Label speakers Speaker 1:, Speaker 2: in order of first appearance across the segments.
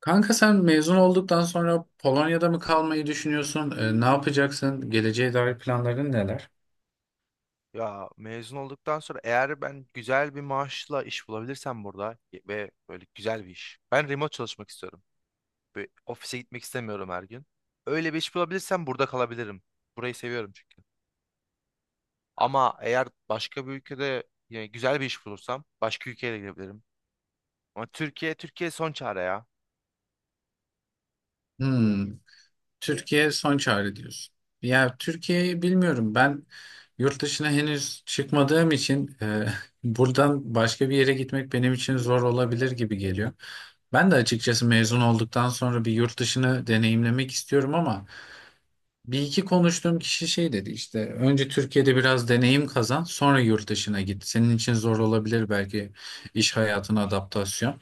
Speaker 1: Kanka sen mezun olduktan sonra Polonya'da mı kalmayı düşünüyorsun? Ne yapacaksın? Geleceğe dair planların neler?
Speaker 2: Ya mezun olduktan sonra eğer ben güzel bir maaşla iş bulabilirsem burada ve böyle güzel bir iş. Ben remote çalışmak istiyorum. Böyle ofise gitmek istemiyorum her gün. Öyle bir iş bulabilirsem burada kalabilirim. Burayı seviyorum çünkü. Ama eğer başka bir ülkede yani güzel bir iş bulursam başka ülkeye de gidebilirim. Ama Türkiye son çare ya.
Speaker 1: Hmm. Türkiye son çare diyorsun. Ya Türkiye'yi bilmiyorum. Ben yurt dışına henüz çıkmadığım için buradan başka bir yere gitmek benim için zor olabilir gibi geliyor. Ben de açıkçası mezun olduktan sonra bir yurt dışını deneyimlemek istiyorum, ama bir iki konuştuğum kişi şey dedi işte, önce Türkiye'de biraz deneyim kazan, sonra yurt dışına git. Senin için zor olabilir belki iş hayatına adaptasyon.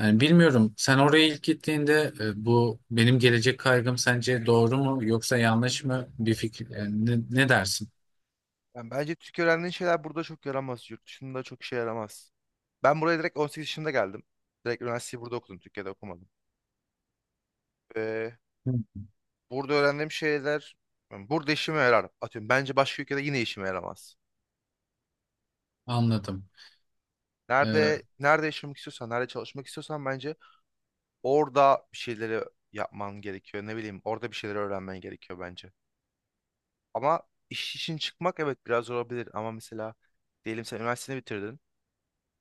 Speaker 1: Yani bilmiyorum, sen oraya ilk gittiğinde bu benim gelecek kaygım sence doğru mu yoksa yanlış mı bir fikir, yani ne dersin?
Speaker 2: Yani bence Türkiye öğrendiğin şeyler burada çok yaramaz. Yurt dışında çok işe yaramaz. Ben buraya direkt 18 yaşında geldim. Direkt üniversiteyi burada okudum. Türkiye'de okumadım.
Speaker 1: Hı.
Speaker 2: Burada öğrendiğim şeyler yani burada işime yarar. Atıyorum bence başka ülkede yine işime yaramaz.
Speaker 1: Anladım. Ee,
Speaker 2: Nerede yaşamak istiyorsan, nerede çalışmak istiyorsan bence orada bir şeyleri yapman gerekiyor. Ne bileyim, orada bir şeyleri öğrenmen gerekiyor bence. Ama iş için çıkmak evet biraz zor olabilir ama mesela diyelim sen üniversiteni bitirdin.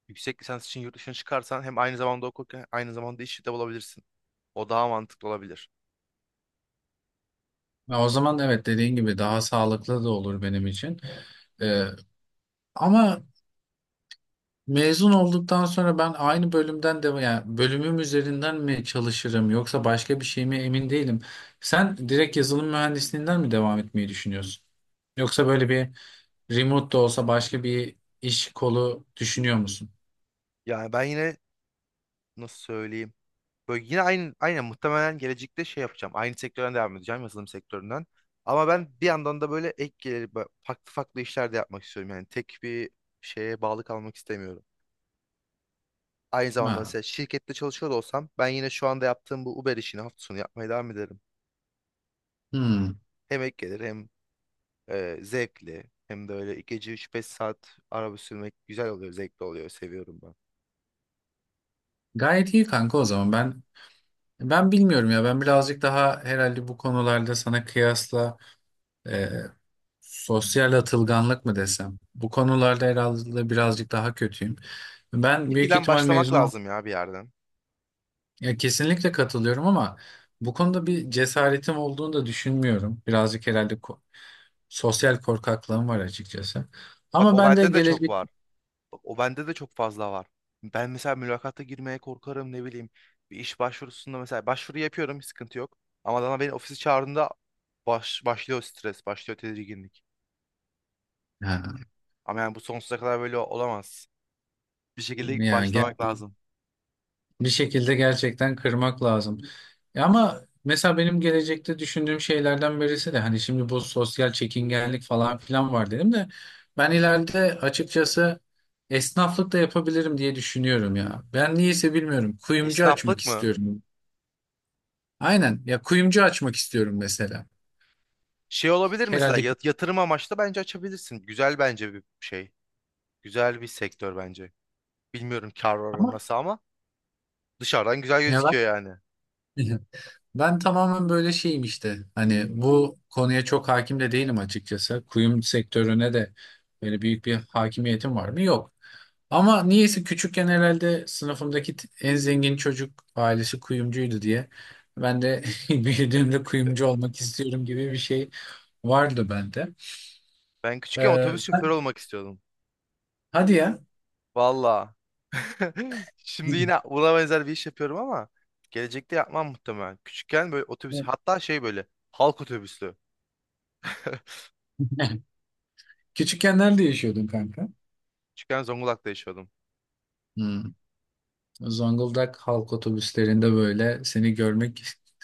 Speaker 2: Yüksek lisans için yurt dışına çıkarsan hem aynı zamanda okurken aynı zamanda işi de bulabilirsin. O daha mantıklı olabilir.
Speaker 1: ya o zaman evet, dediğin gibi daha sağlıklı da olur benim için. Ee, Ama mezun olduktan sonra ben aynı bölümden de, yani bölümüm üzerinden mi çalışırım yoksa başka bir şey mi, emin değilim. Sen direkt yazılım mühendisliğinden mi devam etmeyi düşünüyorsun? Yoksa böyle bir remote da olsa başka bir iş kolu düşünüyor musun?
Speaker 2: Yani ben yine nasıl söyleyeyim? Böyle yine aynen muhtemelen gelecekte şey yapacağım. Aynı sektörden devam edeceğim yazılım sektöründen. Ama ben bir yandan da böyle ek gelir farklı farklı işler de yapmak istiyorum. Yani tek bir şeye bağlı kalmak istemiyorum. Aynı zamanda
Speaker 1: Ha.
Speaker 2: mesela şirkette çalışıyor da olsam ben yine şu anda yaptığım bu Uber işini hafta sonu yapmaya devam ederim.
Speaker 1: Hmm.
Speaker 2: Hem ek gelir hem zevkli hem de öyle gece üç beş saat araba sürmek güzel oluyor, zevkli oluyor, seviyorum ben.
Speaker 1: Gayet iyi kanka o zaman. Ben bilmiyorum ya. Ben birazcık daha herhalde bu konularda sana kıyasla sosyal atılganlık mı desem? Bu konularda herhalde birazcık daha kötüyüm. Ben büyük
Speaker 2: Fikirden
Speaker 1: ihtimal
Speaker 2: başlamak
Speaker 1: mezun ol.
Speaker 2: lazım ya bir yerden.
Speaker 1: Ya kesinlikle katılıyorum, ama bu konuda bir cesaretim olduğunu da düşünmüyorum. Birazcık herhalde sosyal korkaklığım var açıkçası.
Speaker 2: Bak
Speaker 1: Ama
Speaker 2: o
Speaker 1: ben de
Speaker 2: bende de çok
Speaker 1: gelecek.
Speaker 2: var. Bak, o bende de çok fazla var. Ben mesela mülakata girmeye korkarım ne bileyim. Bir iş başvurusunda mesela başvuru yapıyorum hiç sıkıntı yok. Ama adama beni ofisi çağırdığında başlıyor stres, başlıyor tedirginlik.
Speaker 1: Ha,
Speaker 2: Ama yani bu sonsuza kadar böyle olamaz. Bir şekilde
Speaker 1: ya
Speaker 2: başlamak lazım.
Speaker 1: bir şekilde gerçekten kırmak lazım. Ya ama mesela benim gelecekte düşündüğüm şeylerden birisi de, hani şimdi bu sosyal çekingenlik falan filan var dedim de, ben ileride açıkçası esnaflık da yapabilirim diye düşünüyorum ya. Ben niyeyse bilmiyorum. Kuyumcu açmak
Speaker 2: Esnaflık mı?
Speaker 1: istiyorum. Aynen ya, kuyumcu açmak istiyorum mesela.
Speaker 2: Şey olabilir mesela
Speaker 1: Herhalde,
Speaker 2: yatırım amaçlı bence açabilirsin. Güzel bence bir şey. Güzel bir sektör bence. Bilmiyorum kar oranı
Speaker 1: ama
Speaker 2: nasıl ama dışarıdan güzel
Speaker 1: ya ben
Speaker 2: gözüküyor yani.
Speaker 1: ben tamamen böyle şeyim işte. Hani bu konuya çok hakim de değilim açıkçası. Kuyum sektörüne de böyle büyük bir hakimiyetim var mı? Yok. Ama niyeyse küçükken herhalde sınıfımdaki en zengin çocuk ailesi kuyumcuydu diye, ben de büyüdüğümde kuyumcu olmak istiyorum gibi bir şey vardı bende.
Speaker 2: Ben küçükken otobüs şoförü
Speaker 1: Sen,
Speaker 2: olmak istiyordum.
Speaker 1: hadi ya.
Speaker 2: Valla. Şimdi yine buna benzer bir iş yapıyorum ama gelecekte yapmam muhtemelen. Küçükken böyle otobüs hatta şey böyle halk otobüslü.
Speaker 1: Küçükken nerede yaşıyordun kanka?
Speaker 2: Küçükken Zonguldak'ta yaşıyordum.
Speaker 1: Hmm. Zonguldak halk otobüslerinde böyle seni görmek.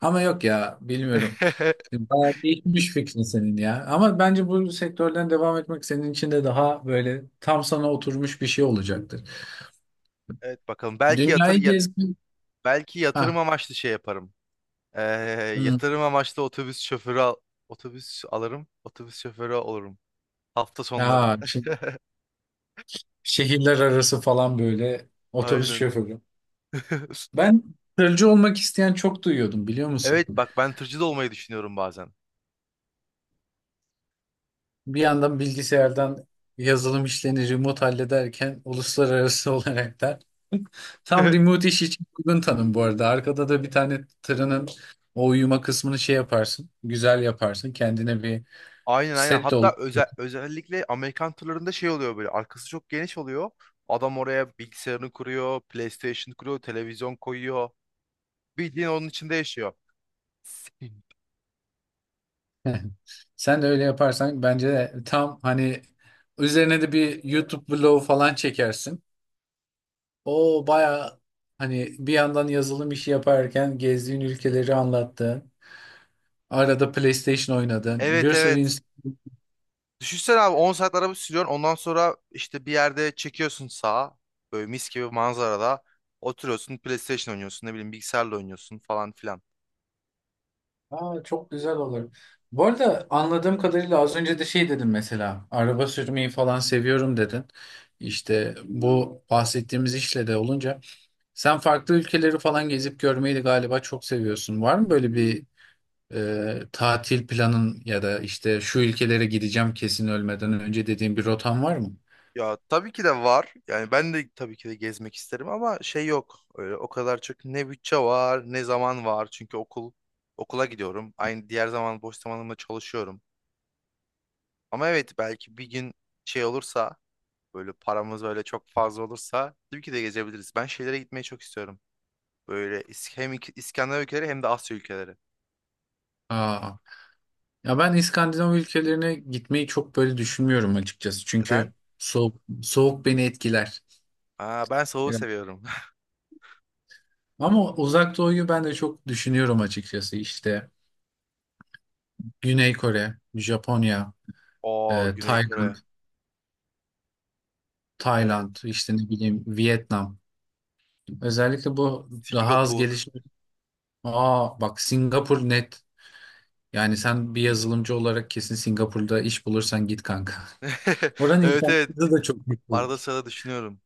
Speaker 1: Ama yok ya, bilmiyorum. Bayağı değişmiş fikrin senin ya. Ama bence bu sektörden devam etmek senin için de daha böyle tam sana oturmuş bir şey olacaktır.
Speaker 2: Evet bakalım. Belki yatır
Speaker 1: Dünyayı
Speaker 2: ya-
Speaker 1: gezmek.
Speaker 2: belki
Speaker 1: Ha,
Speaker 2: yatırım amaçlı şey yaparım. Ee,
Speaker 1: hı.
Speaker 2: yatırım amaçlı otobüs şoförü otobüs alırım. Otobüs şoförü olurum. Hafta sonları.
Speaker 1: Ya, şehirler arası falan böyle otobüs
Speaker 2: Aynen.
Speaker 1: şoförü. Ben tırcı olmak isteyen çok duyuyordum, biliyor musun?
Speaker 2: Evet bak ben tırcı da olmayı düşünüyorum bazen.
Speaker 1: Bir yandan bilgisayardan yazılım işlerini remote hallederken uluslararası olarak da tam remote iş için uygun tanım bu arada. Arkada da bir tane tırının o uyuma kısmını şey yaparsın. Güzel yaparsın. Kendine bir
Speaker 2: Aynen, aynen.
Speaker 1: set de ol.
Speaker 2: Hatta özellikle Amerikan turlarında şey oluyor böyle. Arkası çok geniş oluyor. Adam oraya bilgisayarını kuruyor, PlayStation kuruyor, televizyon koyuyor. Bildiğin onun içinde yaşıyor. Sin-
Speaker 1: Sen de öyle yaparsan bence de tam hani üzerine de bir YouTube vlog falan çekersin. O baya, hani bir yandan yazılım işi yaparken gezdiğin ülkeleri anlattın. Arada PlayStation oynadın.
Speaker 2: Evet,
Speaker 1: Bir sürü.
Speaker 2: evet. Düşünsene abi 10 saat araba sürüyorsun. Ondan sonra işte bir yerde çekiyorsun sağa. Böyle mis gibi manzarada. Oturuyorsun PlayStation oynuyorsun ne bileyim bilgisayarla oynuyorsun falan filan.
Speaker 1: Aa, çok güzel olur. Bu arada anladığım kadarıyla az önce de şey dedin, mesela araba sürmeyi falan seviyorum dedin. İşte bu bahsettiğimiz işle de olunca sen farklı ülkeleri falan gezip görmeyi de galiba çok seviyorsun. Var mı böyle bir tatil planın ya da işte şu ülkelere gideceğim kesin ölmeden önce dediğin bir rotan var mı?
Speaker 2: Ya tabii ki de var. Yani ben de tabii ki de gezmek isterim ama şey yok. Öyle o kadar çok ne bütçe var, ne zaman var. Çünkü okula gidiyorum. Aynı diğer zaman boş zamanımda çalışıyorum. Ama evet belki bir gün şey olursa, böyle paramız böyle çok fazla olursa tabii ki de gezebiliriz. Ben şeylere gitmeyi çok istiyorum. Böyle hem İskandinav ülkeleri hem de Asya ülkeleri.
Speaker 1: Aa, ya ben İskandinav ülkelerine gitmeyi çok böyle düşünmüyorum açıkçası.
Speaker 2: Neden?
Speaker 1: Çünkü soğuk, soğuk beni etkiler.
Speaker 2: Aa, ben soğuğu seviyorum.
Speaker 1: Ama Uzak Doğu'yu ben de çok düşünüyorum açıkçası. İşte Güney Kore, Japonya,
Speaker 2: Oo, Güney
Speaker 1: Tayland,
Speaker 2: Kore. Evet.
Speaker 1: İşte ne bileyim, Vietnam. Özellikle bu daha az
Speaker 2: Singapur.
Speaker 1: gelişmiş. Aa bak, Singapur net. Yani sen bir yazılımcı olarak kesin Singapur'da iş bulursan git kanka. Oranın
Speaker 2: Evet,
Speaker 1: internet
Speaker 2: evet.
Speaker 1: hızı da çok
Speaker 2: Arada
Speaker 1: yüksek.
Speaker 2: sırada düşünüyorum.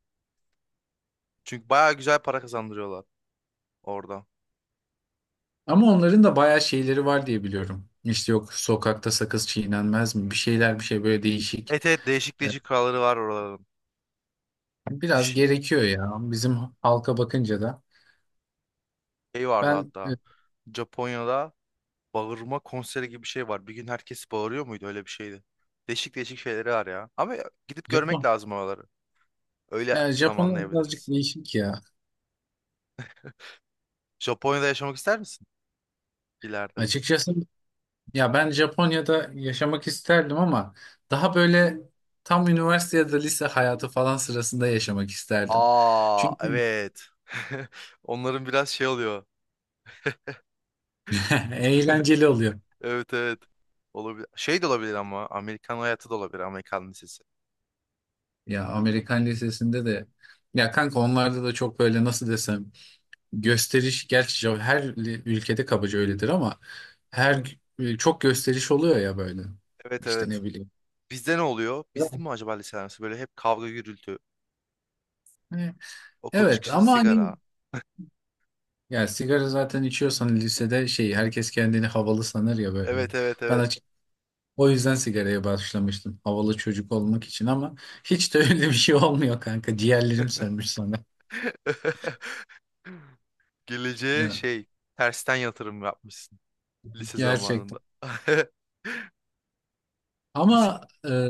Speaker 2: Çünkü bayağı güzel para kazandırıyorlar orada.
Speaker 1: Ama onların da bayağı şeyleri var diye biliyorum. İşte yok, sokakta sakız çiğnenmez mi? Bir şeyler, bir şey, böyle değişik.
Speaker 2: Evet, evet, değişik
Speaker 1: E,
Speaker 2: değişik kuralları var oraların.
Speaker 1: biraz
Speaker 2: Ş-
Speaker 1: gerekiyor ya. Bizim halka bakınca da.
Speaker 2: Şey vardı
Speaker 1: Ben
Speaker 2: hatta.
Speaker 1: e,
Speaker 2: Japonya'da bağırma konseri gibi bir şey var. Bir gün herkes bağırıyor muydu? Öyle bir şeydi. Değişik değişik şeyleri var ya. Ama gidip görmek
Speaker 1: Japon,
Speaker 2: lazım oraları. Öyle
Speaker 1: ya
Speaker 2: tam
Speaker 1: Japonlar birazcık
Speaker 2: anlayabiliriz.
Speaker 1: değişik ya.
Speaker 2: Japonya'da yaşamak ister misin ileride?
Speaker 1: Açıkçası ya ben Japonya'da yaşamak isterdim, ama daha böyle tam üniversite ya da lise hayatı falan sırasında yaşamak isterdim.
Speaker 2: Aa,
Speaker 1: Çünkü
Speaker 2: evet. Onların biraz şey oluyor.
Speaker 1: eğlenceli oluyor.
Speaker 2: Evet, evet. Olabilir. Şey de olabilir ama Amerikan hayatı da olabilir. Amerikan lisesi.
Speaker 1: Ya Amerikan lisesinde de ya kanka, onlarda da çok böyle nasıl desem, gösteriş, gerçi her ülkede kabaca öyledir, ama çok gösteriş oluyor ya böyle.
Speaker 2: Evet,
Speaker 1: İşte
Speaker 2: evet.
Speaker 1: ne bileyim.
Speaker 2: Bizde ne oluyor? Bizde mi acaba lise arası? Böyle hep kavga gürültü.
Speaker 1: Evet.
Speaker 2: Okul
Speaker 1: Evet,
Speaker 2: çıkışı
Speaker 1: ama hani,
Speaker 2: sigara.
Speaker 1: ya sigara zaten içiyorsan lisede şey, herkes kendini havalı sanır ya böyle.
Speaker 2: Evet, evet,
Speaker 1: Ben
Speaker 2: evet.
Speaker 1: açık o yüzden sigaraya başlamıştım. Havalı çocuk olmak için, ama hiç de öyle bir şey olmuyor kanka. Ciğerlerim sönmüş sana.
Speaker 2: Geleceğe
Speaker 1: Ya.
Speaker 2: şey tersten yatırım yapmışsın lise zamanında.
Speaker 1: Gerçekten.
Speaker 2: Lise
Speaker 1: Ama e,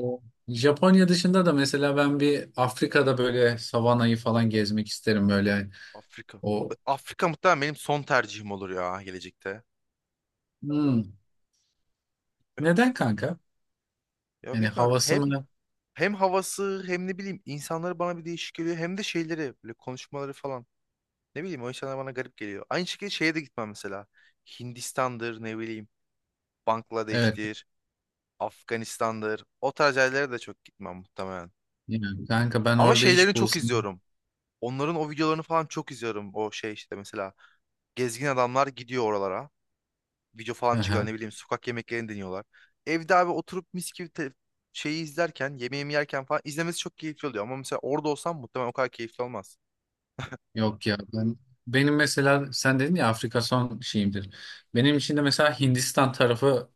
Speaker 1: Japonya dışında da mesela ben bir Afrika'da böyle savanayı falan gezmek isterim böyle.
Speaker 2: Afrika.
Speaker 1: O.
Speaker 2: Afrika muhtemelen benim son tercihim olur ya gelecekte.
Speaker 1: Hmm.
Speaker 2: Bilmiyorum.
Speaker 1: Neden kanka?
Speaker 2: Ya
Speaker 1: Yani
Speaker 2: bilmiyorum
Speaker 1: havası
Speaker 2: hem
Speaker 1: mı?
Speaker 2: hem havası hem ne bileyim insanları bana bir değişik geliyor hem de şeyleri böyle konuşmaları falan. Ne bileyim o insanlar bana garip geliyor. Aynı şekilde şeye de gitmem mesela. Hindistan'dır ne bileyim
Speaker 1: Evet.
Speaker 2: Bangladeş'tir. Afganistan'dır. O tarz yerlere de çok gitmem muhtemelen.
Speaker 1: Yani kanka ben
Speaker 2: Ama
Speaker 1: orada
Speaker 2: şeylerini
Speaker 1: iş
Speaker 2: çok
Speaker 1: bulsam.
Speaker 2: izliyorum. Onların o videolarını falan çok izliyorum. O şey işte mesela gezgin adamlar gidiyor oralara. Video falan çıkıyor ne bileyim sokak yemeklerini deniyorlar. Evde abi oturup mis gibi şeyi izlerken yemeğimi yerken falan izlemesi çok keyifli oluyor. Ama mesela orada olsam muhtemelen o kadar keyifli olmaz.
Speaker 1: Yok ya, ben, benim mesela sen dedin ya, Afrika son şeyimdir. Benim için de mesela Hindistan tarafı,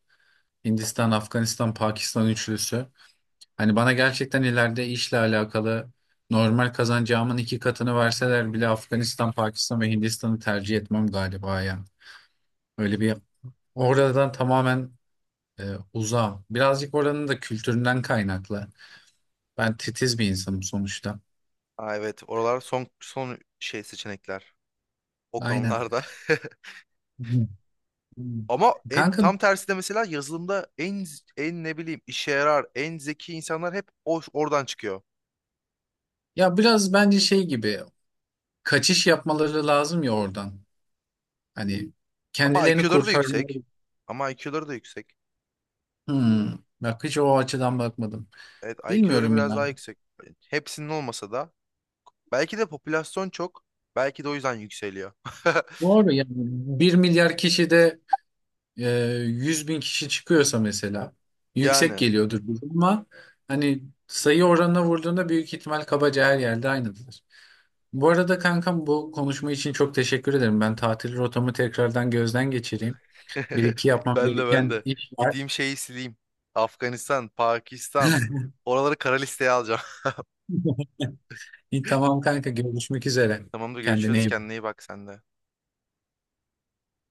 Speaker 1: Hindistan, Afganistan, Pakistan üçlüsü. Hani bana gerçekten ileride işle alakalı normal kazancağımın iki katını verseler bile Afganistan, Pakistan ve Hindistan'ı tercih etmem galiba ya. Öyle bir oradan tamamen e, uzağım. Birazcık oranın da kültüründen kaynaklı. Ben titiz bir insanım sonuçta.
Speaker 2: Aa, evet, oralar son son şey seçenekler o
Speaker 1: Aynen.
Speaker 2: konularda. Ama
Speaker 1: Kanka
Speaker 2: tam tersi de mesela yazılımda en ne bileyim işe yarar, en zeki insanlar hep oradan çıkıyor.
Speaker 1: ya, biraz bence şey gibi, kaçış yapmaları lazım ya oradan. Hani
Speaker 2: Ama
Speaker 1: kendilerini
Speaker 2: IQ'ları da yüksek.
Speaker 1: kurtarmaları.
Speaker 2: Ama IQ'ları da yüksek.
Speaker 1: Hmm, bak hiç o açıdan bakmadım.
Speaker 2: Evet, IQ'ları
Speaker 1: Bilmiyorum
Speaker 2: biraz
Speaker 1: ya.
Speaker 2: daha yüksek. Hepsinin olmasa da. Belki de popülasyon çok. Belki de o yüzden yükseliyor.
Speaker 1: Doğru yani. 1 milyar kişide e, 100 bin kişi çıkıyorsa mesela yüksek
Speaker 2: Yani.
Speaker 1: geliyordur bu, ama hani sayı oranına vurduğunda büyük ihtimal kabaca her yerde aynıdır. Bu arada kankam, bu konuşma için çok teşekkür ederim. Ben tatil rotamı tekrardan gözden geçireyim. Bir iki yapmam
Speaker 2: Ben de, ben
Speaker 1: gereken
Speaker 2: de.
Speaker 1: iş var.
Speaker 2: Gideyim şeyi sileyim. Afganistan, Pakistan. Oraları kara listeye alacağım.
Speaker 1: İyi, tamam kanka, görüşmek üzere.
Speaker 2: Tamamdır,
Speaker 1: Kendine
Speaker 2: görüşürüz.
Speaker 1: iyi bak.
Speaker 2: Kendine iyi bak sen de.